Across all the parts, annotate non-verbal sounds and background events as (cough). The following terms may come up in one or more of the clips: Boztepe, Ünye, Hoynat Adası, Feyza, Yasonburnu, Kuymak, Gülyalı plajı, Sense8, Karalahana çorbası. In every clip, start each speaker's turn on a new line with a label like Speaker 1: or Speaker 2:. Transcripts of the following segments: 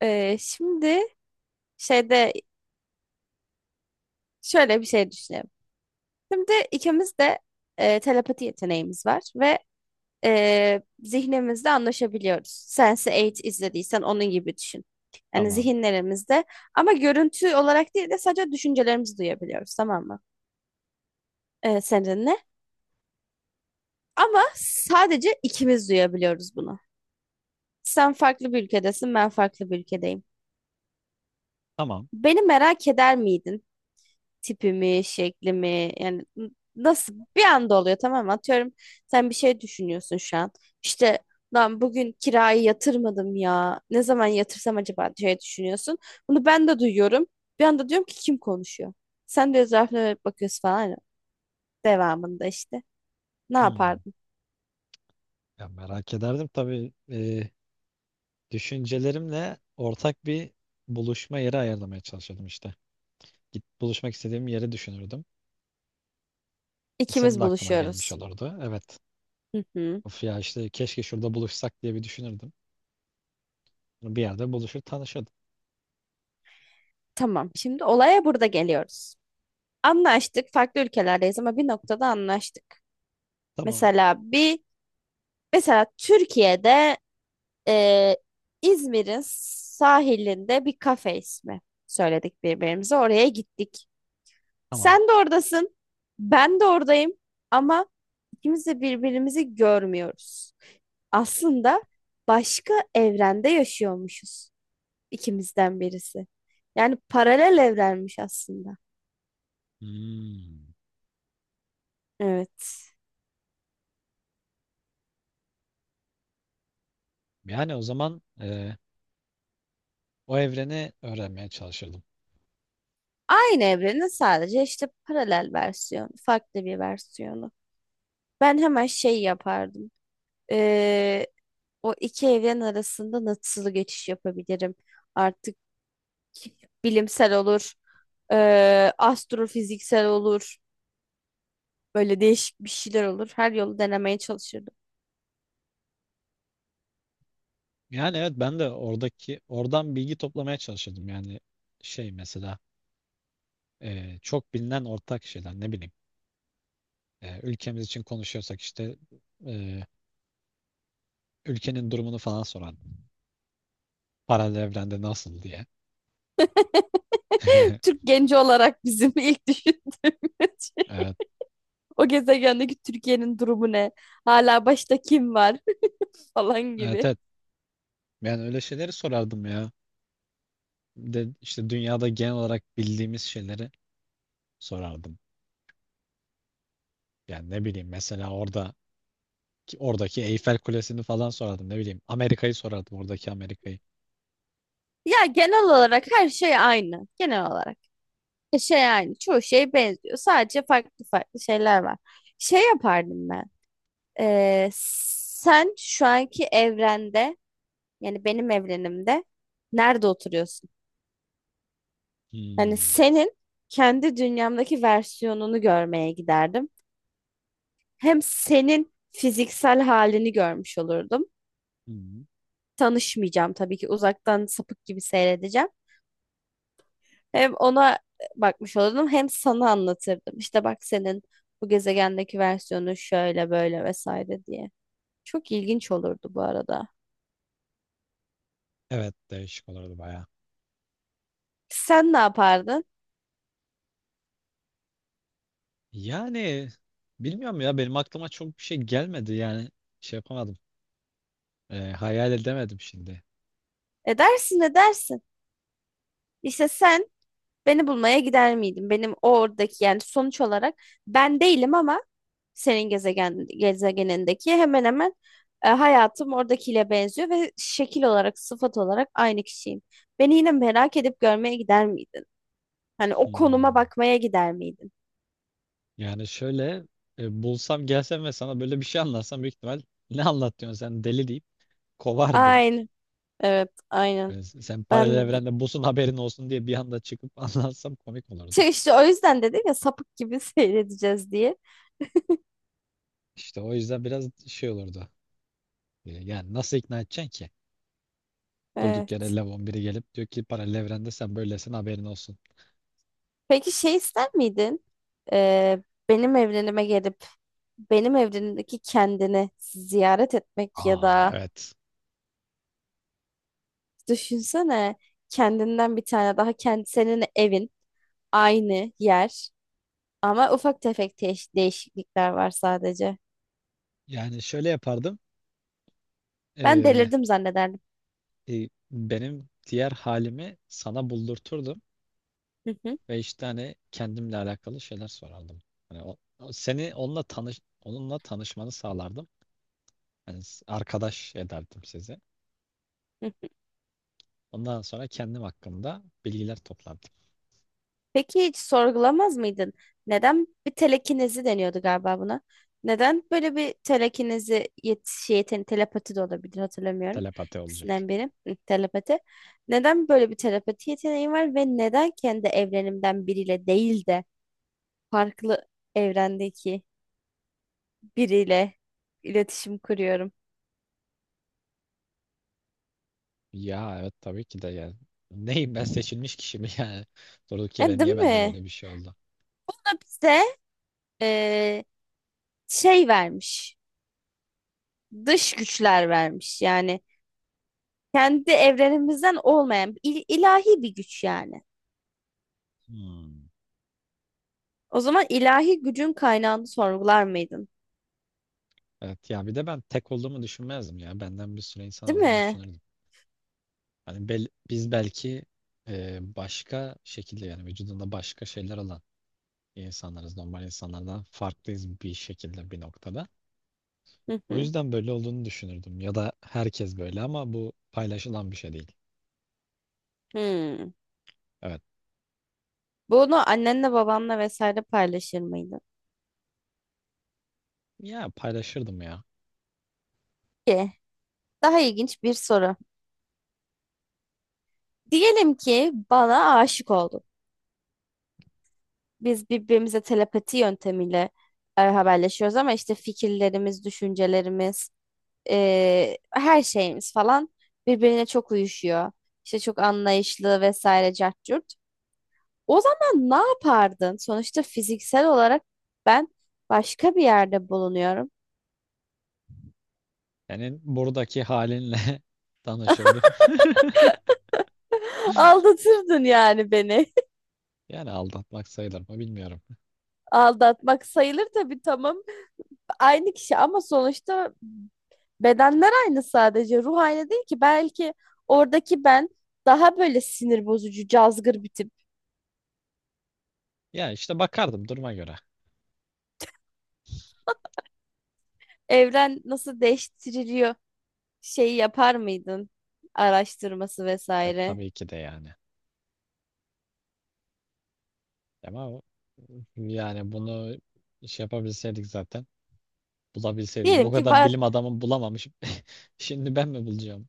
Speaker 1: Şimdi şeyde şöyle bir şey düşünelim. Şimdi ikimiz de telepati yeteneğimiz var ve zihnimizde anlaşabiliyoruz. Sense8 izlediysen onun gibi düşün. Yani
Speaker 2: Tamam.
Speaker 1: zihinlerimizde ama görüntü olarak değil de sadece düşüncelerimizi duyabiliyoruz, tamam mı? Seninle. Ama sadece ikimiz duyabiliyoruz bunu. Sen farklı bir ülkedesin, ben farklı bir ülkedeyim.
Speaker 2: Tamam.
Speaker 1: Beni merak eder miydin? Tipi mi, şekli mi? Yani nasıl bir anda oluyor, tamam mı? Atıyorum, sen bir şey düşünüyorsun şu an. İşte, lan bugün kirayı yatırmadım ya. Ne zaman yatırsam acaba diye düşünüyorsun. Bunu ben de duyuyorum. Bir anda diyorum ki kim konuşuyor? Sen de etrafına dönüp bakıyorsun falan. Devamında işte. Ne
Speaker 2: Hmm.
Speaker 1: yapardın?
Speaker 2: Ya merak ederdim tabii. Düşüncelerimle ortak bir buluşma yeri ayarlamaya çalışıyordum işte. Git buluşmak istediğim yeri düşünürdüm. Senin
Speaker 1: İkimiz
Speaker 2: de aklına gelmiş
Speaker 1: buluşuyoruz.
Speaker 2: olurdu. Evet.
Speaker 1: Hı hı.
Speaker 2: Of ya işte keşke şurada buluşsak diye bir düşünürdüm. Bir yerde buluşur tanışırdım.
Speaker 1: Tamam. Şimdi olaya burada geliyoruz. Anlaştık. Farklı ülkelerdeyiz ama bir noktada anlaştık.
Speaker 2: Tamam.
Speaker 1: Mesela bir mesela Türkiye'de, Ee, İzmir'in sahilinde bir kafe ismi söyledik birbirimize. Oraya gittik.
Speaker 2: Tamam.
Speaker 1: Sen de oradasın. Ben de oradayım. Ama ikimiz de birbirimizi görmüyoruz. Aslında başka evrende yaşıyormuşuz ikimizden birisi. Yani paralel evrenmiş aslında.
Speaker 2: Hmm.
Speaker 1: Evet.
Speaker 2: Yani o zaman o evreni öğrenmeye çalışırdım.
Speaker 1: Aynı evrenin sadece işte paralel versiyonu, farklı bir versiyonu. Ben hemen şey yapardım. Ee, O iki evren arasında nasıl geçiş yapabilirim? Artık bilimsel olur, astrofiziksel olur, böyle değişik bir şeyler olur. Her yolu denemeye çalışırdım.
Speaker 2: Yani evet ben de oradan bilgi toplamaya çalışırdım. Yani şey mesela çok bilinen ortak şeyler, ne bileyim. E, ülkemiz için konuşuyorsak işte e, ülkenin durumunu falan sorardım. Paralel evrende nasıl diye.
Speaker 1: (laughs)
Speaker 2: (laughs)
Speaker 1: Türk genci olarak bizim ilk düşündüğümüz şey.
Speaker 2: Evet,
Speaker 1: O gezegendeki Türkiye'nin durumu ne? Hala başta kim var (laughs) falan
Speaker 2: evet,
Speaker 1: gibi.
Speaker 2: evet. Ben öyle şeyleri sorardım ya. De, işte dünyada genel olarak bildiğimiz şeyleri sorardım. Yani ne bileyim, mesela orada oradaki Eyfel Kulesi'ni falan sorardım. Ne bileyim, Amerika'yı sorardım, oradaki Amerika'yı.
Speaker 1: Ya genel olarak her şey aynı. Genel olarak. Şey aynı. Çoğu şey benziyor. Sadece farklı farklı şeyler var. Şey yapardım ben. Sen şu anki evrende, yani benim evrenimde nerede oturuyorsun? Yani
Speaker 2: Hmm.
Speaker 1: senin kendi dünyamdaki versiyonunu görmeye giderdim. Hem senin fiziksel halini görmüş olurdum.
Speaker 2: Hmm.
Speaker 1: Tanışmayacağım tabii ki, uzaktan sapık gibi seyredeceğim. Hem ona bakmış olurdum, hem sana anlatırdım. İşte bak, senin bu gezegendeki versiyonu şöyle böyle vesaire diye. Çok ilginç olurdu bu arada.
Speaker 2: Evet, değişik olurdu baya.
Speaker 1: Sen ne yapardın?
Speaker 2: Yani bilmiyorum ya, benim aklıma çok bir şey gelmedi, yani şey yapamadım. E, hayal edemedim şimdi.
Speaker 1: Edersin, edersin. İşte sen beni bulmaya gider miydin? Benim oradaki, yani sonuç olarak ben değilim ama senin gezegenindeki hemen hemen hayatım oradakiyle benziyor ve şekil olarak, sıfat olarak aynı kişiyim. Beni yine merak edip görmeye gider miydin? Hani o konuma
Speaker 2: Hmm.
Speaker 1: bakmaya gider miydin?
Speaker 2: Yani şöyle, bulsam, gelsem ve sana böyle bir şey anlatsam büyük ihtimal ne anlatıyorsun sen, deli deyip kovardın.
Speaker 1: Aynen. Evet, aynen.
Speaker 2: Yani sen paralel
Speaker 1: Ben
Speaker 2: evrende busun, haberin olsun diye bir anda çıkıp (laughs) anlatsam komik olurdu.
Speaker 1: işte o yüzden dedim ya, sapık gibi (laughs) seyredeceğiz diye.
Speaker 2: İşte o yüzden biraz şey olurdu. E, yani nasıl ikna edeceksin ki? Durduk yere
Speaker 1: Evet.
Speaker 2: Levon biri gelip diyor ki paralel evrende sen böylesin, haberin olsun.
Speaker 1: Peki şey ister miydin? E, benim evrenime gelip benim evrenimdeki kendini ziyaret etmek ya
Speaker 2: Aa
Speaker 1: da.
Speaker 2: evet.
Speaker 1: Düşünsene, kendinden bir tane daha, kendi senin evin, aynı yer, ama ufak tefek değişiklikler var sadece.
Speaker 2: Yani şöyle yapardım.
Speaker 1: Ben
Speaker 2: E,
Speaker 1: delirdim zannederdim.
Speaker 2: benim diğer halimi sana buldurturdum.
Speaker 1: Hı hı,
Speaker 2: Beş tane kendimle alakalı şeyler sorardım. Hani seni onunla onunla tanışmanı sağlardım. Hani arkadaş ederdim sizi.
Speaker 1: hı.
Speaker 2: Ondan sonra kendim hakkında bilgiler toplardım.
Speaker 1: Peki hiç sorgulamaz mıydın? Neden, bir telekinezi deniyordu galiba buna? Neden böyle bir telekinezi yet şey, yeten- telepati de olabilir, hatırlamıyorum.
Speaker 2: Telepati olacak.
Speaker 1: İkisinden biri, hı, telepati. Neden böyle bir telepati yeteneğin var ve neden kendi evrenimden biriyle değil de farklı evrendeki biriyle iletişim kuruyorum?
Speaker 2: Ya evet, tabii ki de yani. Neyim ben, seçilmiş kişi mi yani? (laughs) Durduk yere
Speaker 1: Değil
Speaker 2: niye bende
Speaker 1: mi?
Speaker 2: böyle bir şey oldu?
Speaker 1: Bu da bize, e, şey vermiş. Dış güçler vermiş. Yani kendi evrenimizden olmayan ilahi bir güç yani.
Speaker 2: Hmm.
Speaker 1: O zaman ilahi gücün kaynağını sorgular mıydın?
Speaker 2: Evet ya, bir de ben tek olduğumu düşünmezdim ya. Benden bir sürü insan
Speaker 1: Değil
Speaker 2: olduğunu
Speaker 1: mi?
Speaker 2: düşünürdüm. Hani biz belki başka şekilde, yani vücudunda başka şeyler olan insanlarız. Normal insanlardan farklıyız bir şekilde, bir noktada.
Speaker 1: Hı
Speaker 2: O
Speaker 1: hı.
Speaker 2: yüzden böyle olduğunu düşünürdüm. Ya da herkes böyle ama bu paylaşılan bir şey değil.
Speaker 1: Hmm.
Speaker 2: Evet.
Speaker 1: Bunu annenle babanla vesaire paylaşır mıydın?
Speaker 2: Ya paylaşırdım ya.
Speaker 1: Ki daha ilginç bir soru. Diyelim ki bana aşık oldun. Biz birbirimize telepati yöntemiyle haberleşiyoruz ama işte fikirlerimiz, düşüncelerimiz, her şeyimiz falan birbirine çok uyuşuyor. İşte çok anlayışlı vesaire, cart curt. O zaman ne yapardın? Sonuçta fiziksel olarak ben başka bir yerde bulunuyorum.
Speaker 2: Yani buradaki halinle (laughs) tanışırdım. (laughs)
Speaker 1: (laughs) Aldatırdın yani beni.
Speaker 2: Yani aldatmak sayılır mı bilmiyorum.
Speaker 1: (laughs) Aldatmak sayılır tabii, tamam. Aynı kişi ama sonuçta. Bedenler aynı sadece. Ruh aynı değil ki. Belki oradaki ben daha böyle sinir bozucu, cazgır bir tip.
Speaker 2: Ya işte bakardım duruma göre.
Speaker 1: Evren nasıl değiştiriliyor şeyi yapar mıydın? Araştırması
Speaker 2: E,
Speaker 1: vesaire.
Speaker 2: tabii ki de yani. Ama yani bunu şey yapabilseydik zaten. Bulabilseydik.
Speaker 1: Diyelim
Speaker 2: Bu
Speaker 1: ki
Speaker 2: kadar
Speaker 1: var.
Speaker 2: bilim adamı bulamamış. (laughs) Şimdi ben mi bulacağım?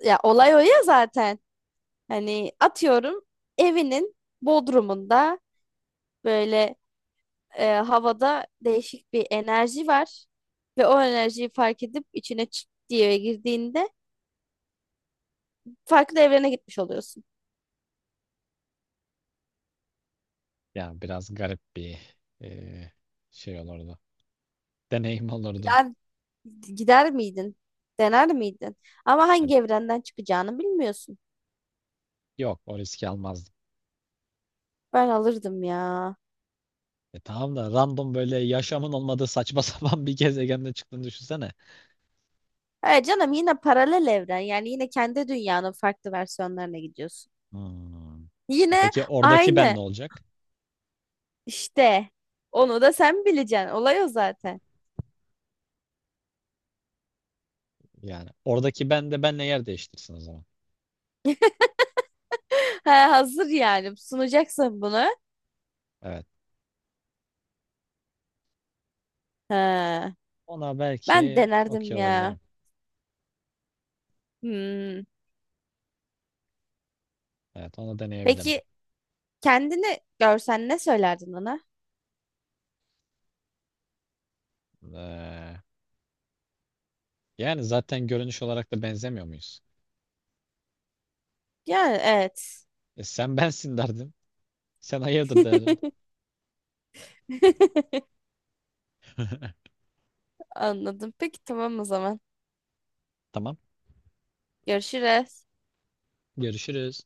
Speaker 1: Ya olay o ya zaten. Hani atıyorum, evinin bodrumunda böyle havada değişik bir enerji var. Ve o enerjiyi fark edip içine çıt diye girdiğinde farklı evrene gitmiş oluyorsun.
Speaker 2: Yani biraz garip bir e, şey olurdu. (laughs) Deneyim olurdu.
Speaker 1: Gider miydin? Dener miydin? Ama
Speaker 2: E,
Speaker 1: hangi evrenden çıkacağını bilmiyorsun.
Speaker 2: yok, o riski almazdım.
Speaker 1: Ben alırdım ya.
Speaker 2: E, tamam da random böyle yaşamın olmadığı saçma (laughs) sapan bir gezegende çıktığını düşünsene.
Speaker 1: E canım, yine paralel evren. Yani yine kendi dünyanın farklı versiyonlarına gidiyorsun.
Speaker 2: Hmm. E
Speaker 1: Yine
Speaker 2: peki oradaki ben
Speaker 1: aynı
Speaker 2: ne olacak?
Speaker 1: işte. Onu da sen bileceksin. Olay o zaten.
Speaker 2: Yani oradaki ben de benle yer değiştirsin o zaman.
Speaker 1: (laughs) Ha, hazır yani. Sunacaksın bunu.
Speaker 2: Evet.
Speaker 1: Ha,
Speaker 2: Ona
Speaker 1: ben
Speaker 2: belki okey
Speaker 1: denerdim ya.
Speaker 2: olabilirim.
Speaker 1: Hmm.
Speaker 2: Evet, onu deneyebilirdim.
Speaker 1: Peki kendini görsen ne söylerdin ona?
Speaker 2: Ee, yani zaten görünüş olarak da benzemiyor muyuz?
Speaker 1: Yani evet.
Speaker 2: E, sen (laughs) bensin derdim. Sen hayırdır derdim. (laughs)
Speaker 1: (laughs) Anladım. Peki tamam o zaman.
Speaker 2: Tamam.
Speaker 1: Görüşürüz.
Speaker 2: Görüşürüz.